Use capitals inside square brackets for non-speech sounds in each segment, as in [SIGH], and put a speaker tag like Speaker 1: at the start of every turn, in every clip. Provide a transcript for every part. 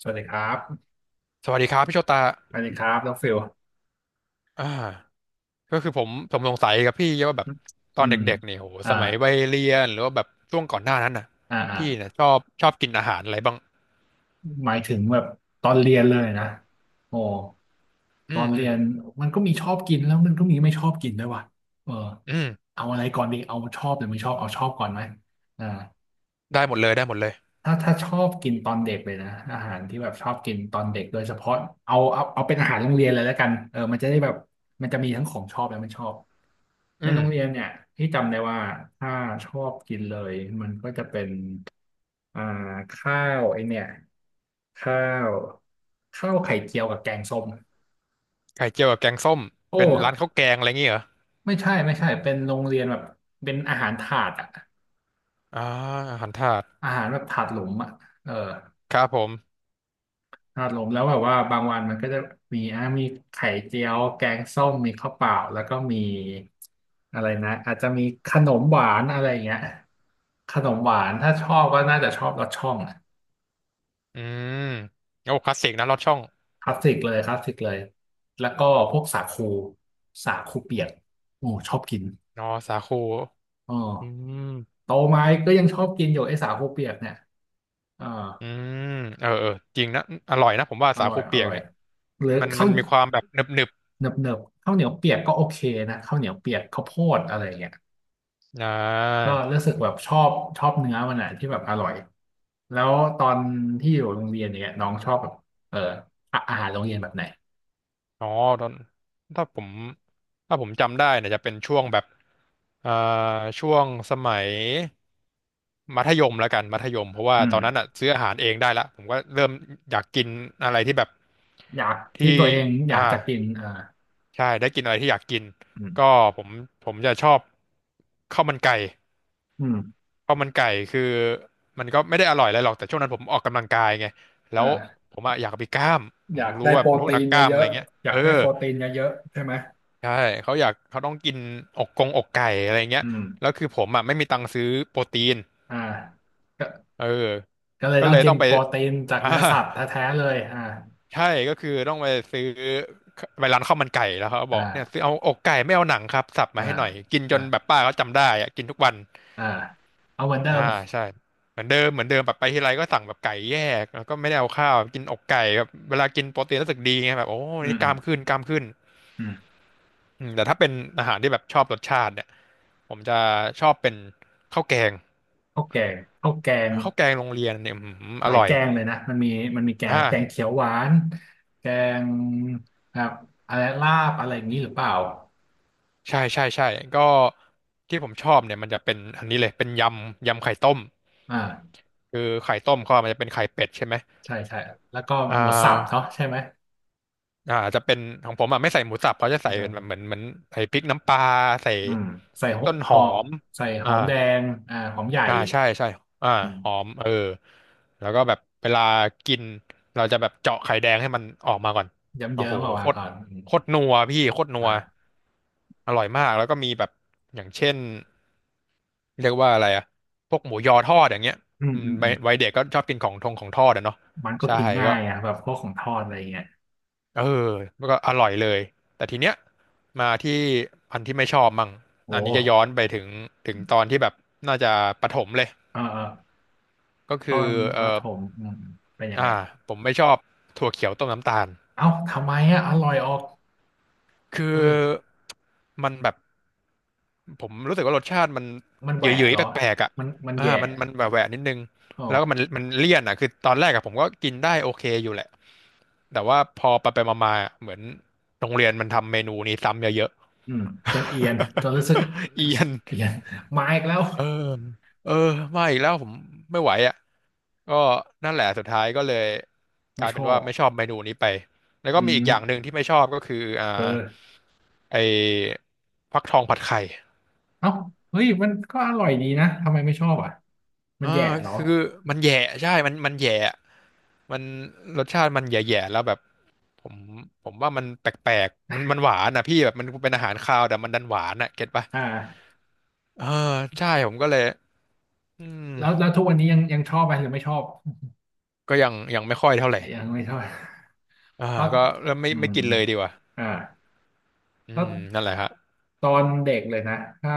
Speaker 1: สวัสดีครับ
Speaker 2: สวัสดีครับพี่โชตา
Speaker 1: สวัสดีครับน้องฟิล
Speaker 2: อ่าก็คือผมสงสัยกับพี่ว่าแบบต
Speaker 1: อื
Speaker 2: อน
Speaker 1: ม
Speaker 2: เด็กๆเนี่ยโห
Speaker 1: อ่า
Speaker 2: สมัยวัยเรียนหรือว่าแบบช่วงก่อนหน้านั้นน่ะ
Speaker 1: อ่าอ่า
Speaker 2: พี่เนี่ยชอบกินอาหารอะไรบ้าง
Speaker 1: หมายถึงแบบตอนเรียนเลยนะโอ้ต
Speaker 2: อื
Speaker 1: อ
Speaker 2: ม
Speaker 1: นเรี
Speaker 2: อื
Speaker 1: ย
Speaker 2: ม
Speaker 1: นมันก็มีชอบกินแล้วมันก็มีไม่ชอบกินด้วยว่ะเออ
Speaker 2: อืม
Speaker 1: เอาอะไรก่อนดีเอาชอบหรือไม่ชอบเอาชอบก่อนไหมอ่า
Speaker 2: ได้หมดเลยได้หมดเลย
Speaker 1: ถ้าชอบกินตอนเด็กเลยนะอาหารที่แบบชอบกินตอนเด็กโดยเฉพาะเอาเป็นอาหารโรงเรียนเลยแล้วกันเออมันจะได้แบบมันจะมีทั้งของชอบและไม่ชอบ
Speaker 2: อื
Speaker 1: ใน
Speaker 2: ม
Speaker 1: โรงเรียนเนี่ยพี่จำได้ว่าถ้าชอบกินเลยมันก็จะเป็นอ่าข้าวไอเนี่ยข้าวข้าวไข่เจียวกับแกงส้ม
Speaker 2: ไข่เจียวกับแกงส้ม
Speaker 1: โอ้
Speaker 2: เป็นร้านข้าวแกงอะไรอย่างเงี้ยเหรอ
Speaker 1: ไม่ใช่เป็นโรงเรียนแบบเป็นอาหารถาดอะ
Speaker 2: อ่าอาหารถาด
Speaker 1: อาหารแบบถาดหลุมอะเออ
Speaker 2: ครับผม
Speaker 1: ถาดหลุมแล้วแบบว่าบางวันมันก็จะมีอ่ะมีไข่เจียวแกงส้มมีข้าวเปล่าแล้วก็มีอะไรนะอาจจะมีขนมหวานอะไรอย่างเงี้ยขนมหวานถ้าชอบก็น่าจะชอบรสช่อง
Speaker 2: อืมโอ้คลาสสิกนะลอดช่อง
Speaker 1: คลาสสิกเลยคลาสสิกเลยแล้วก็พวกสาคูสาคูเปียกโอ้ชอบกิน
Speaker 2: นอสาคู
Speaker 1: อ๋
Speaker 2: อื
Speaker 1: อ
Speaker 2: ม
Speaker 1: โตมาก็ยังชอบกินอยู่ไอ้สาคูเปียกเนี่ยอ่า
Speaker 2: อืมเออเออจริงนะอร่อยนะผมว่า
Speaker 1: อ
Speaker 2: สา
Speaker 1: ร่อย
Speaker 2: คู
Speaker 1: อ
Speaker 2: เปียก
Speaker 1: ร่อย
Speaker 2: เนี่ย
Speaker 1: หรือ
Speaker 2: มันมั
Speaker 1: ข้าว
Speaker 2: นมีความแบบหนึบ
Speaker 1: เนิบๆข้าวเหนียวเปียกก็โอเคนะข้าวเหนียวเปียกข้าวโพดอะไรอย่างเงี้ย
Speaker 2: ๆ
Speaker 1: ก็รู้สึกแบบชอบชอบเนื้อมันอ่ะที่แบบอร่อยแล้วตอนที่อยู่โรงเรียนเนี่ยน้องชอบแบบเอออะอาหารโรงเรียนแบบไหน
Speaker 2: อ๋อตอนถ้าผมถ้าผมจำได้เนี่ยจะเป็นช่วงแบบเอ่าช่วงสมัยมัธยมแล้วกันมัธยมเพราะว่า
Speaker 1: อื
Speaker 2: ต
Speaker 1: ม
Speaker 2: อนนั้นอ่ะซื้ออาหารเองได้ละผมก็เริ่มอยากกินอะไรที่แบบ
Speaker 1: อยากที่
Speaker 2: ที่
Speaker 1: ตัวเองอยาก
Speaker 2: อ่า
Speaker 1: จะกินอ่า
Speaker 2: ใช่ได้กินอะไรที่อยากกิน
Speaker 1: อื
Speaker 2: ก็
Speaker 1: ม
Speaker 2: ผมผมจะชอบข้าวมันไก่
Speaker 1: อืม
Speaker 2: ข้าวมันไก่คือมันก็ไม่ได้อร่อยอะไรหรอกแต่ช่วงนั้นผมออกกำลังกายไงแล้
Speaker 1: เอ
Speaker 2: ว
Speaker 1: ่
Speaker 2: ผมอะอยากเอาไปกล้ามผ
Speaker 1: อ
Speaker 2: ม
Speaker 1: ยาก
Speaker 2: รู้
Speaker 1: ได้
Speaker 2: ว่า
Speaker 1: โปร
Speaker 2: เป็นพวก
Speaker 1: ตี
Speaker 2: นั
Speaker 1: น
Speaker 2: กกล้าม
Speaker 1: เย
Speaker 2: อะไร
Speaker 1: อะ
Speaker 2: เงี้ย
Speaker 1: ๆอ
Speaker 2: เอ
Speaker 1: ยาก
Speaker 2: อ
Speaker 1: ได้โปรตีนเยอะๆใช่ไหม
Speaker 2: ใช่เขาอยากเขาต้องกินอกกงอกไก่อะไรเงี้ย
Speaker 1: อื
Speaker 2: แล้
Speaker 1: ม
Speaker 2: วคือผมอ่ะไม่มีตังค์ซื้อโปรตีน
Speaker 1: อ่าก็
Speaker 2: เออ
Speaker 1: ก็เลย
Speaker 2: ก็
Speaker 1: ต้อ
Speaker 2: เล
Speaker 1: ง
Speaker 2: ย
Speaker 1: กิ
Speaker 2: ต้
Speaker 1: น
Speaker 2: องไป
Speaker 1: โปรตีนจาก
Speaker 2: [LAUGHS] อ่า
Speaker 1: เนื้อสัตว์แท้ๆเลยอ่า
Speaker 2: ใช่ก็คือต้องไปซื้อไปร้านข้าวมันไก่แล้วเขาก็
Speaker 1: อ
Speaker 2: บอกเนี่ยซื้อ
Speaker 1: ่า
Speaker 2: เอาอกไก่ไม่เอาหนังครับสับ
Speaker 1: อ่า
Speaker 2: มาให้หน่อยกินจ
Speaker 1: อ่า
Speaker 2: นแบบป้าเขาจำได้อ่ะกินทุกวัน
Speaker 1: อ่าเอาเหมือนเดิ
Speaker 2: อ่า
Speaker 1: ม
Speaker 2: ใช่เหมือนเดิมเหมือนเดิมแบบไปทีไรก็สั่งแบบไก่แยกแล้วก็ไม่ได้เอาข้าวกินอกไก่แบบเวลากินโปรตีนรู้สึกดีไงแบบโอ้
Speaker 1: อืม
Speaker 2: นี่ก
Speaker 1: อื
Speaker 2: ล้า
Speaker 1: ม
Speaker 2: มขึ้นกล้ามขึ้น
Speaker 1: อืม
Speaker 2: อืมแต่ถ้าเป็นอาหารที่แบบชอบรสชาติเนี่ยผมจะชอบเป็นข้าวแกง
Speaker 1: ข้าวแกงข้าวแกง
Speaker 2: ข้าวแกงโรงเรียนเนี่ยอืมอ
Speaker 1: หลาย
Speaker 2: ร่อ
Speaker 1: แก
Speaker 2: ย
Speaker 1: งเลยนะ มันมีแกง
Speaker 2: อ่า
Speaker 1: แกงเขียวหวาน แกงครับอะไรลาบอะไรอย่างนี้หรือเปล่า
Speaker 2: ใช่ใช่ใช่ก็ที่ผมชอบเนี่ยมันจะเป็นอันนี้เลยเป็นยำยำไข่ต้ม
Speaker 1: อ่า
Speaker 2: คือไข่ต้มเขาอะมันจะเป็นไข่เป็ดใช่ไหม
Speaker 1: ใช่ใช่แล้วก็
Speaker 2: อ่
Speaker 1: หมูสับเนาะ
Speaker 2: า
Speaker 1: ใช่ไหม
Speaker 2: จะเป็นของผมอ่ะไม่ใส่หมูสับเขาจะใส่เป็นแบบเหมือนใส่พริกน้ำปลาใส่
Speaker 1: อืมใส่ห
Speaker 2: ต้น
Speaker 1: ห
Speaker 2: หอ
Speaker 1: อก
Speaker 2: ม
Speaker 1: ใส่ห
Speaker 2: อ่า
Speaker 1: อมแดงอ่าหอมใหญ่
Speaker 2: ใช่ใช่อ่า
Speaker 1: อื
Speaker 2: หอ
Speaker 1: ม
Speaker 2: มเออแล้วก็แบบเวลากินเราจะแบบเจาะไข่แดงให้มันออกมาก่อน
Speaker 1: เย
Speaker 2: โอ้
Speaker 1: ิ้
Speaker 2: โห
Speaker 1: มๆออก
Speaker 2: โค
Speaker 1: มา
Speaker 2: ตร
Speaker 1: ก่อนอืม
Speaker 2: โคตรนัวพี่โคตรนัว
Speaker 1: อ่า
Speaker 2: อร่อยมากแล้วก็มีแบบอย่างเช่นเรียกว่าอะไรอะพวกหมูยอทอดอย่างเงี้ย
Speaker 1: อืม
Speaker 2: อื
Speaker 1: อื
Speaker 2: ม
Speaker 1: มอื
Speaker 2: วัย
Speaker 1: ม
Speaker 2: วัยเด็กก็ชอบกินของทงของทอดอะเนาะ
Speaker 1: มันก็
Speaker 2: ใช่
Speaker 1: กินง่า
Speaker 2: ก็
Speaker 1: ยอ่ะแบบพวกของทอดอะไรเงี้ย
Speaker 2: เออมันก็อร่อยเลยแต่ทีเนี้ยมาที่อันที่ไม่ชอบมั่ง
Speaker 1: โอ
Speaker 2: อันนี้จะย้อน
Speaker 1: ้
Speaker 2: ไปถึงถึงตอนที่แบบน่าจะประถมเลย
Speaker 1: เออเออ
Speaker 2: ก็
Speaker 1: ตอ
Speaker 2: คือ
Speaker 1: นป
Speaker 2: เอ่
Speaker 1: ระถ
Speaker 2: อ
Speaker 1: มอืมเป็นยังไง
Speaker 2: อ่าผมไม่ชอบถั่วเขียวต้มน้ำตาล
Speaker 1: เอ้าทำไมอ่ะอร่อยออก
Speaker 2: คือ
Speaker 1: เฮ้ย
Speaker 2: มันแบบผมรู้สึกว่ารสชาติมัน
Speaker 1: มันแห
Speaker 2: เห
Speaker 1: วะ
Speaker 2: ย
Speaker 1: เหรอ
Speaker 2: อะๆแปลกๆอ่ะ
Speaker 1: มันมันแย่
Speaker 2: มันแหวะๆนิดนึง
Speaker 1: อ๋อ
Speaker 2: แล้วก็มันเลี่ยนอ่ะคือตอนแรกอะผมก็กินได้โอเคอยู่แหละแต่ว่าพอไปมาๆอะเหมือนโรงเรียนมันทำเมนูนี้ซ้ำเยอะ
Speaker 1: อืมจนเอียนจน
Speaker 2: ๆ
Speaker 1: รู้สึก
Speaker 2: [LAUGHS] เอียน
Speaker 1: เอียนมาอีกแล้ว
Speaker 2: เออเออมาอีกแล้วผมไม่ไหวอ่ะ ก็นั่นแหละสุดท้ายก็เลยก
Speaker 1: ไม่
Speaker 2: ลาย
Speaker 1: ช
Speaker 2: เป็
Speaker 1: อ
Speaker 2: นว่า
Speaker 1: บ
Speaker 2: ไม่ชอบเมนูนี้ไปแล้วก็
Speaker 1: อื
Speaker 2: มีอีกอย่างห
Speaker 1: ม
Speaker 2: นึ่งที่ไม่ชอบก็คือ
Speaker 1: เออ
Speaker 2: ไอ้ฟักทองผัดไข่
Speaker 1: เอ้าเฮ้ยมันก็อร่อยดีนะทำไมไม่ชอบอ่ะมันแย่เหร
Speaker 2: ก็
Speaker 1: อ
Speaker 2: คือมันแย่ใช่มันแย่มันรสชาติมันแย่ๆแล้วแบบผมผมว่ามันแปลกๆมันหวานนะพี่แบบมันเป็นอาหารคาวแต่มันดันหวานอ่ะเก็ตปะ
Speaker 1: อ่า
Speaker 2: เออใช่ผมก็เลยอืม
Speaker 1: แล้วทุกวันนี้ยังชอบไหมหรือไม่ชอบ
Speaker 2: ก็ยังยังไม่ค่อยเท่าไหร่
Speaker 1: ยังไม่ชอบ
Speaker 2: อ่า
Speaker 1: [LAUGHS] เพราะ
Speaker 2: ก็เริ่มไม่
Speaker 1: อื
Speaker 2: ไม่
Speaker 1: ม
Speaker 2: กินเลยดีกว่า
Speaker 1: อ่า
Speaker 2: อื
Speaker 1: ถ้า
Speaker 2: มนั่นแหละฮะ
Speaker 1: ตอนเด็กเลยนะถ้า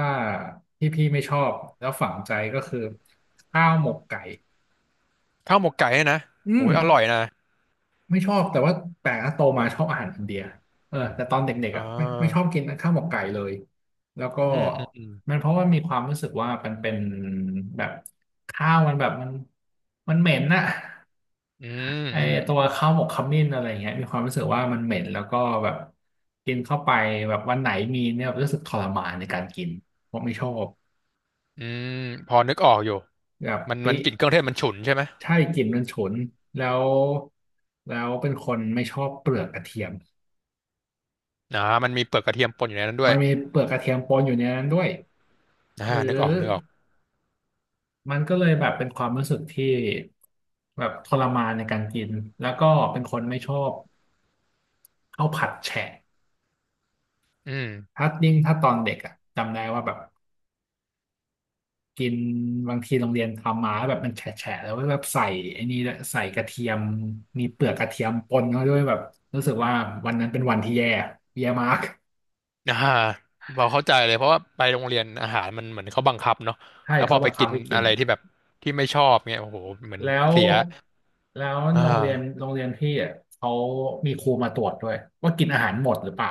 Speaker 1: ที่พี่ไม่ชอบแล้วฝังใจก็คือข้าวหมกไก่
Speaker 2: ข้าวหมกไก่เนี่ยนะ
Speaker 1: อื
Speaker 2: โอ้
Speaker 1: ม
Speaker 2: ยอร่อยนะ
Speaker 1: ไม่ชอบแต่ว่าแปลกนะโตมาชอบอาหารอินเดียเออแต่ตอนเด็ก
Speaker 2: อ่
Speaker 1: ๆอ่ะไม่ชอบ
Speaker 2: า
Speaker 1: กินข้าวหมกไก่เลยแล้วก็
Speaker 2: อืมอืม
Speaker 1: มันเพราะว่ามีความรู้สึกว่ามันเป็นแบบข้าวมันแบบมันมันเหม็นน่ะ
Speaker 2: อืม
Speaker 1: ไอ
Speaker 2: อืมอื
Speaker 1: ตัว
Speaker 2: ม
Speaker 1: ข้าวหมกขมิ้นอะไรเงี้ยมีความรู้สึกว่ามันเหม็นแล้วก็แบบกินเข้าไปแบบวันไหนมีเนี่ยรู้สึกทรมานในการกินผมไม่ชอบ
Speaker 2: อืมพอนึกออกอยู่
Speaker 1: แบบ
Speaker 2: มัน
Speaker 1: ปิ
Speaker 2: มันกลิ่นเครื่องเทศมันฉุนใช่ไหม
Speaker 1: ใช่กลิ่นมันฉุนแล้วแล้วเป็นคนไม่ชอบเปลือกกระเทียม
Speaker 2: มันมีเปลือกกระเทียมปนอยู่ในนั้นด้ว
Speaker 1: มั
Speaker 2: ย
Speaker 1: นมีเปลือกกระเทียมปนอยู่ในนั้นด้วยหรือ
Speaker 2: นึกออกนึกออก
Speaker 1: มันก็เลยแบบเป็นความรู้สึกที่แบบทรมานในการกินแล้วก็เป็นคนไม่ชอบข้าวผัดแฉะ
Speaker 2: อืม
Speaker 1: ถ้ายิ่งถ้าตอนเด็กอะจำได้ว่าแบบ กินบางทีโรงเรียนทำมาแบบมันแฉะๆแล้วก็แบบใส่ไอ้นี่ด้วยใส่กระเทียมมีเปลือกกระเทียมปนเข้าด้วยแบบรู้สึกว่าวันนั้นเป็นวันที่แย่แย่มาก [LAUGHS]
Speaker 2: อ่าเราเข้าใจเลยเพราะว่าไปโรงเรียนอาหารมันเหมือนเขาบังคับเนาะ
Speaker 1: ใช่
Speaker 2: แล้วพ
Speaker 1: เขา
Speaker 2: อ
Speaker 1: บั
Speaker 2: ไป
Speaker 1: งคั
Speaker 2: กิ
Speaker 1: บ
Speaker 2: น
Speaker 1: ให้กิน
Speaker 2: อะไรที่แบบที่ไม่ชอบเงี้ยโอ้โหเหมือน
Speaker 1: แล้ว
Speaker 2: เสีย
Speaker 1: แล้ว
Speaker 2: อ่า
Speaker 1: โรงเรียนพี่อ่ะเขามีครูมาตรวจด้วยว่ากินอาหารหมดหรือเปล่า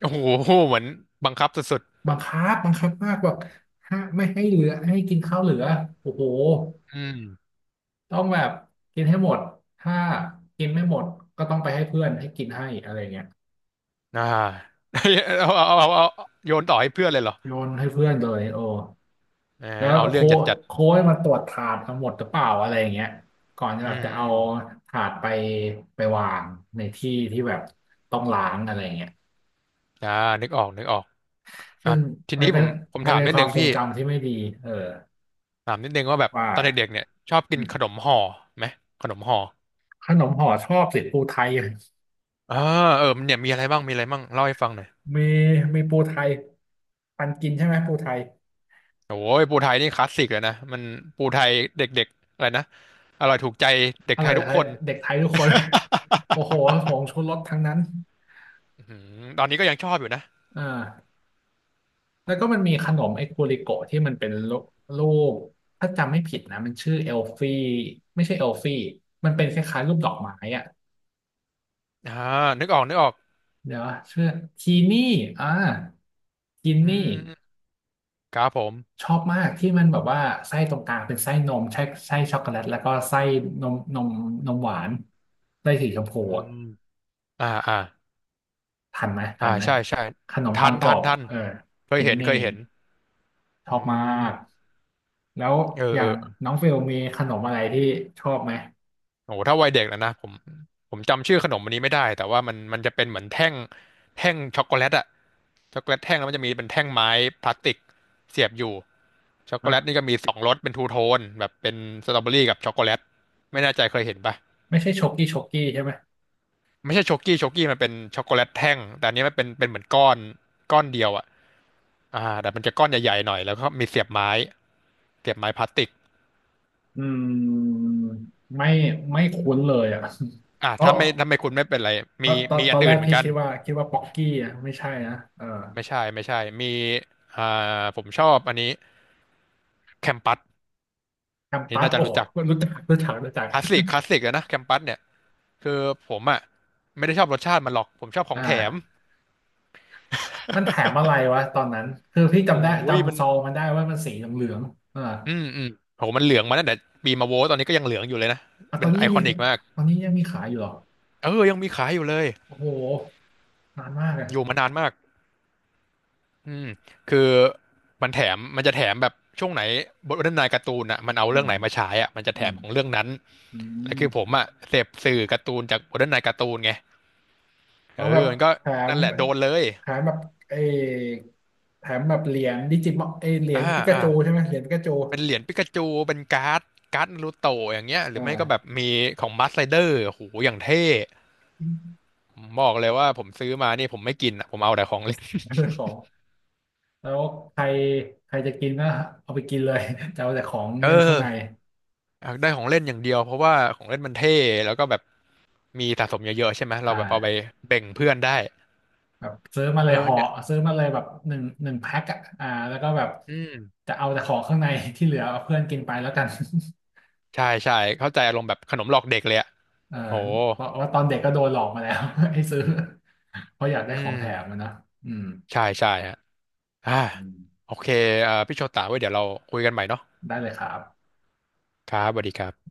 Speaker 2: โอ้โหเหมือนบังคับสุด
Speaker 1: บังคับมากแบบห้าไม่ให้เหลือให้กินข้าวเหลือโอ้โห
Speaker 2: ๆอืม
Speaker 1: ต้องแบบกินให้หมดถ้ากินไม่หมดก็ต้องไปให้เพื่อนให้กินให้อะไรเงี้ย
Speaker 2: อ่า [LAUGHS] เเอาโยนต่อให้เพื่อนเลยเหรอ
Speaker 1: โยนให้เพื่อนเลยโอ้
Speaker 2: เอ
Speaker 1: แล้
Speaker 2: อ
Speaker 1: ว
Speaker 2: เอาเรื่อ
Speaker 1: โค้
Speaker 2: ง
Speaker 1: ช
Speaker 2: จัด
Speaker 1: โค้ชมาตรวจถาดทั้งหมดหรือเปล่าอะไรอย่างเงี้ยก่อนจะ
Speaker 2: ๆอื
Speaker 1: แบบ
Speaker 2: ม
Speaker 1: จะเอา
Speaker 2: อืม
Speaker 1: ถาดไปไปวางในที่ที่แบบต้องล้างอะไรอย่างเงี้ย
Speaker 2: อ่านึกออกนึกออก อ่ะ
Speaker 1: ซึ่ง
Speaker 2: ที
Speaker 1: มั
Speaker 2: นี้
Speaker 1: นเป็
Speaker 2: ผ
Speaker 1: น
Speaker 2: มผม
Speaker 1: มัน
Speaker 2: ถาม
Speaker 1: เป็น
Speaker 2: นิด
Speaker 1: ควา
Speaker 2: นึ
Speaker 1: ม
Speaker 2: ง
Speaker 1: ทร
Speaker 2: พี่
Speaker 1: งจำที่ไม่ดีเออ
Speaker 2: ถามนิดนึงว่าแบบ
Speaker 1: ว่า
Speaker 2: ตอนเด็กๆเนี่ยชอบกิ
Speaker 1: อื
Speaker 2: น
Speaker 1: ม
Speaker 2: ขนมห่อไหมขนมห่อ
Speaker 1: ขนมห่อชอบสิปูไทย
Speaker 2: อ่าเออมันเนี่ยมีอะไรบ้างมีอะไรบ้างเล่าให้ฟังหน่อย
Speaker 1: มีมีปูไทยปันกินใช่ไหมปูไทย
Speaker 2: โอ้ยปูไทยนี่คลาสสิกเลยนะมันปูไทยเด็กๆอะไรนะอร่อยถูกใจเด็
Speaker 1: อ
Speaker 2: กไท
Speaker 1: ร่
Speaker 2: ย
Speaker 1: อย
Speaker 2: ทุก
Speaker 1: ไท
Speaker 2: ค
Speaker 1: ย
Speaker 2: น
Speaker 1: เด็กไทยทุกคน [LAUGHS] โอ้โหผงชูรสทั้งนั้น
Speaker 2: อื้อหือตอนนี้ก็ยังชอบอยู่นะ
Speaker 1: เออ แล้วก็มันมีขนมไอ้กูริโกะที่มันเป็นรูรูปถ้าจำไม่ผิดนะมันชื่อเอลฟี่ไม่ใช่เอลฟี่มันเป็นคล้ายๆรูปดอกไม้อะ
Speaker 2: อ่านึกออกนึกออก
Speaker 1: เดี๋ยวชื่อทีนี่อ่าที
Speaker 2: อื
Speaker 1: นี่
Speaker 2: มครับผม
Speaker 1: ชอบมากที่มันแบบว่าไส้ตรงกลางเป็นไส้นมใช่ไส้ช็อกโกแลตแล้วก็ไส้นมนมหวานไส้สีชมพู
Speaker 2: อื
Speaker 1: อะ
Speaker 2: มอ่าอ่า
Speaker 1: ทันไหม
Speaker 2: อ่า
Speaker 1: ทันไหม
Speaker 2: ใช่ใช่
Speaker 1: ขนม
Speaker 2: ทั
Speaker 1: ปัง
Speaker 2: น
Speaker 1: กร
Speaker 2: ทั
Speaker 1: อ
Speaker 2: น
Speaker 1: บ
Speaker 2: ทัน
Speaker 1: เออ
Speaker 2: เคย
Speaker 1: ทิน
Speaker 2: เห็น
Speaker 1: นี่
Speaker 2: เคยเห็น
Speaker 1: ชอ
Speaker 2: อื
Speaker 1: บมา
Speaker 2: ม
Speaker 1: กแล้ว
Speaker 2: เออ
Speaker 1: อย่า
Speaker 2: เอ
Speaker 1: ง
Speaker 2: อ
Speaker 1: น้องเฟลมีขนมอะไรที่ชอบไหม
Speaker 2: โอ้โหถ้าวัยเด็กแล้วนะผมผมจำชื่อขนมอันนี้ไม่ได้แต่ว่ามันจะเป็นเหมือนแท่งแท่งช็อกโกแลตอะช็อกโกแลตแท่งแล้วมันจะมีเป็นแท่งไม้พลาสติกเสียบอยู่ช็อกโกแลตนี่
Speaker 1: อ่ะ
Speaker 2: ก็มีสองรสเป็นทูโทนแบบเป็นสตรอเบอรี่กับช็อกโกแลตไม่แน่ใจเคยเห็นปะ
Speaker 1: ไม่ใช่ช็อกกี้ใช่ไหม
Speaker 2: ไม่ใช่ช็อกกี้ช็อกกี้มันเป็นช็อกโกแลตแท่งแต่อันนี้มันเป็นเหมือนก้อนก้อนเดียวอะอ่าแต่มันจะก้อนใหญ่ๆหน่อยแล้วก็มีเสียบไม้เสียบไม้พลาสติก
Speaker 1: อืมไม่ไม่คุ้นเลยอ่ะ
Speaker 2: อ่า
Speaker 1: [LAUGHS] เพราะ
Speaker 2: ถ้าไม่ถ้าไม่คุณไม่เป็นไร
Speaker 1: เพ
Speaker 2: มี
Speaker 1: ราะตอน
Speaker 2: มี
Speaker 1: ต
Speaker 2: อั
Speaker 1: อ
Speaker 2: น
Speaker 1: นแร
Speaker 2: อื่น
Speaker 1: ก
Speaker 2: เหมือน
Speaker 1: พี่
Speaker 2: กัน
Speaker 1: คิดว่าป๊อกกี้อ่ะไม่ใช่นะเออ
Speaker 2: ไม่ใช่ไม่ใช่มีอ่าผมชอบอันนี้ แคมปัส
Speaker 1: แคม
Speaker 2: นี่
Speaker 1: ปัส
Speaker 2: น่าจะ
Speaker 1: โอ้โห
Speaker 2: รู้จัก
Speaker 1: รู้จักรู้จักรู้จัก
Speaker 2: คลาสสิกคลาสสิกเลยนะแคมปัสเนี่ยคือผมอ่ะไม่ได้ชอบรสชาติมันหรอกผมชอบข
Speaker 1: [LAUGHS]
Speaker 2: อง
Speaker 1: อ่า
Speaker 2: แถม
Speaker 1: มันแถมอะไรวะตอนนั้นคือพี่
Speaker 2: โอ้
Speaker 1: จำได้
Speaker 2: ยมั
Speaker 1: จำ
Speaker 2: น
Speaker 1: ซองมันได้ว่ามันสีเหลืองๆเออ
Speaker 2: อืมอืมโหมันเหลืองมาตั้งแต่ปีมาโวตอนนี้ก็ยังเหลืองอยู่เลยนะ
Speaker 1: อ่ะตอ
Speaker 2: เป็
Speaker 1: น
Speaker 2: น
Speaker 1: นี้
Speaker 2: ไอ
Speaker 1: ยัง
Speaker 2: ค
Speaker 1: มี
Speaker 2: อนิกมาก
Speaker 1: ตอนนี้ยังมีขายอยู่เหรอ
Speaker 2: เออยังมีขายอยู่เลย
Speaker 1: โอ้โหนานมากเลย
Speaker 2: อยู่มานานมากอืมคือมันแถมมันจะแถมแบบช่วงไหนบทวรรณายการ์ตูนอ่ะมันเอา
Speaker 1: อื
Speaker 2: เรื่อ
Speaker 1: ม
Speaker 2: งไหนมาฉายอ่ะมันจะ
Speaker 1: อื
Speaker 2: แถ
Speaker 1: ม
Speaker 2: มของเรื่องนั้น
Speaker 1: อื
Speaker 2: แล้ว
Speaker 1: ม
Speaker 2: คือผมอ่ะเสพสื่อการ์ตูนจากบทวรรณายการ์ตูนไงเอ
Speaker 1: เอา
Speaker 2: อ
Speaker 1: แบบ
Speaker 2: มันก็
Speaker 1: แถม
Speaker 2: นั่นแหละโดนเลย
Speaker 1: แถมแบบเออแถมแบบเหรียญดิจิมอลเออเหรีย
Speaker 2: อ่า
Speaker 1: ญปิกา
Speaker 2: อ่า
Speaker 1: จูใช่ไหมเหรียญปิกาจู
Speaker 2: เป็นเหรียญปิกาจูเป็นการ์ดการ์ดนารูโตะอย่างเงี้ยหรือไม่ก็แบ
Speaker 1: อ่า
Speaker 2: บมีของบัสไรเดอร์โหอย่างเท่ผมบอกเลยว่าผมซื้อมานี่ผมไม่กินอ่ะผมเอาแต่ของเล่น
Speaker 1: เรื่อง [LAUGHS] ของแล้วใครใครจะกินก็เอาไปกินเลย [LAUGHS] จะเอาแต่ของ
Speaker 2: เอ
Speaker 1: เล่นข้างใน
Speaker 2: ออยากได้ของเล่นอย่างเดียวเพราะว่าของเล่นมันเท่แล้วก็แบบมีสะสมเยอะๆใช่ไหมเรา
Speaker 1: อ่
Speaker 2: แบบเอาไป
Speaker 1: า
Speaker 2: แบ่งเพื่อนได้
Speaker 1: แบบซื้อมาเล
Speaker 2: เอ
Speaker 1: ย
Speaker 2: อ
Speaker 1: ห่อ
Speaker 2: เนี่ย
Speaker 1: ซื้อมาเลยแบบหนึ่งแพ็คอะอ่าแล้วก็แบบ
Speaker 2: อืม
Speaker 1: จะเอาแต่ของข้างใน [LAUGHS] ที่เหลือเอาเพื่อนกินไปแล้วกัน
Speaker 2: ใช่ใช่เข้าใจอารมณ์แบบขนมหลอกเด็กเลยอ่ะ
Speaker 1: เออ
Speaker 2: โห
Speaker 1: เพราะว่าตอนเด็กก็โดนหลอกมาแล้ว [LAUGHS] ให้ซื้อเพราะอยากได้
Speaker 2: อื
Speaker 1: ของ
Speaker 2: ม
Speaker 1: แถมอะนะอืม
Speaker 2: ใช่ใช่ฮะอ่า
Speaker 1: อืม
Speaker 2: โอเคพี่โชตาไว้เดี๋ยวเราคุยกันใหม่เนาะ
Speaker 1: ได้เลยครับ
Speaker 2: ครับสวัสดีครับ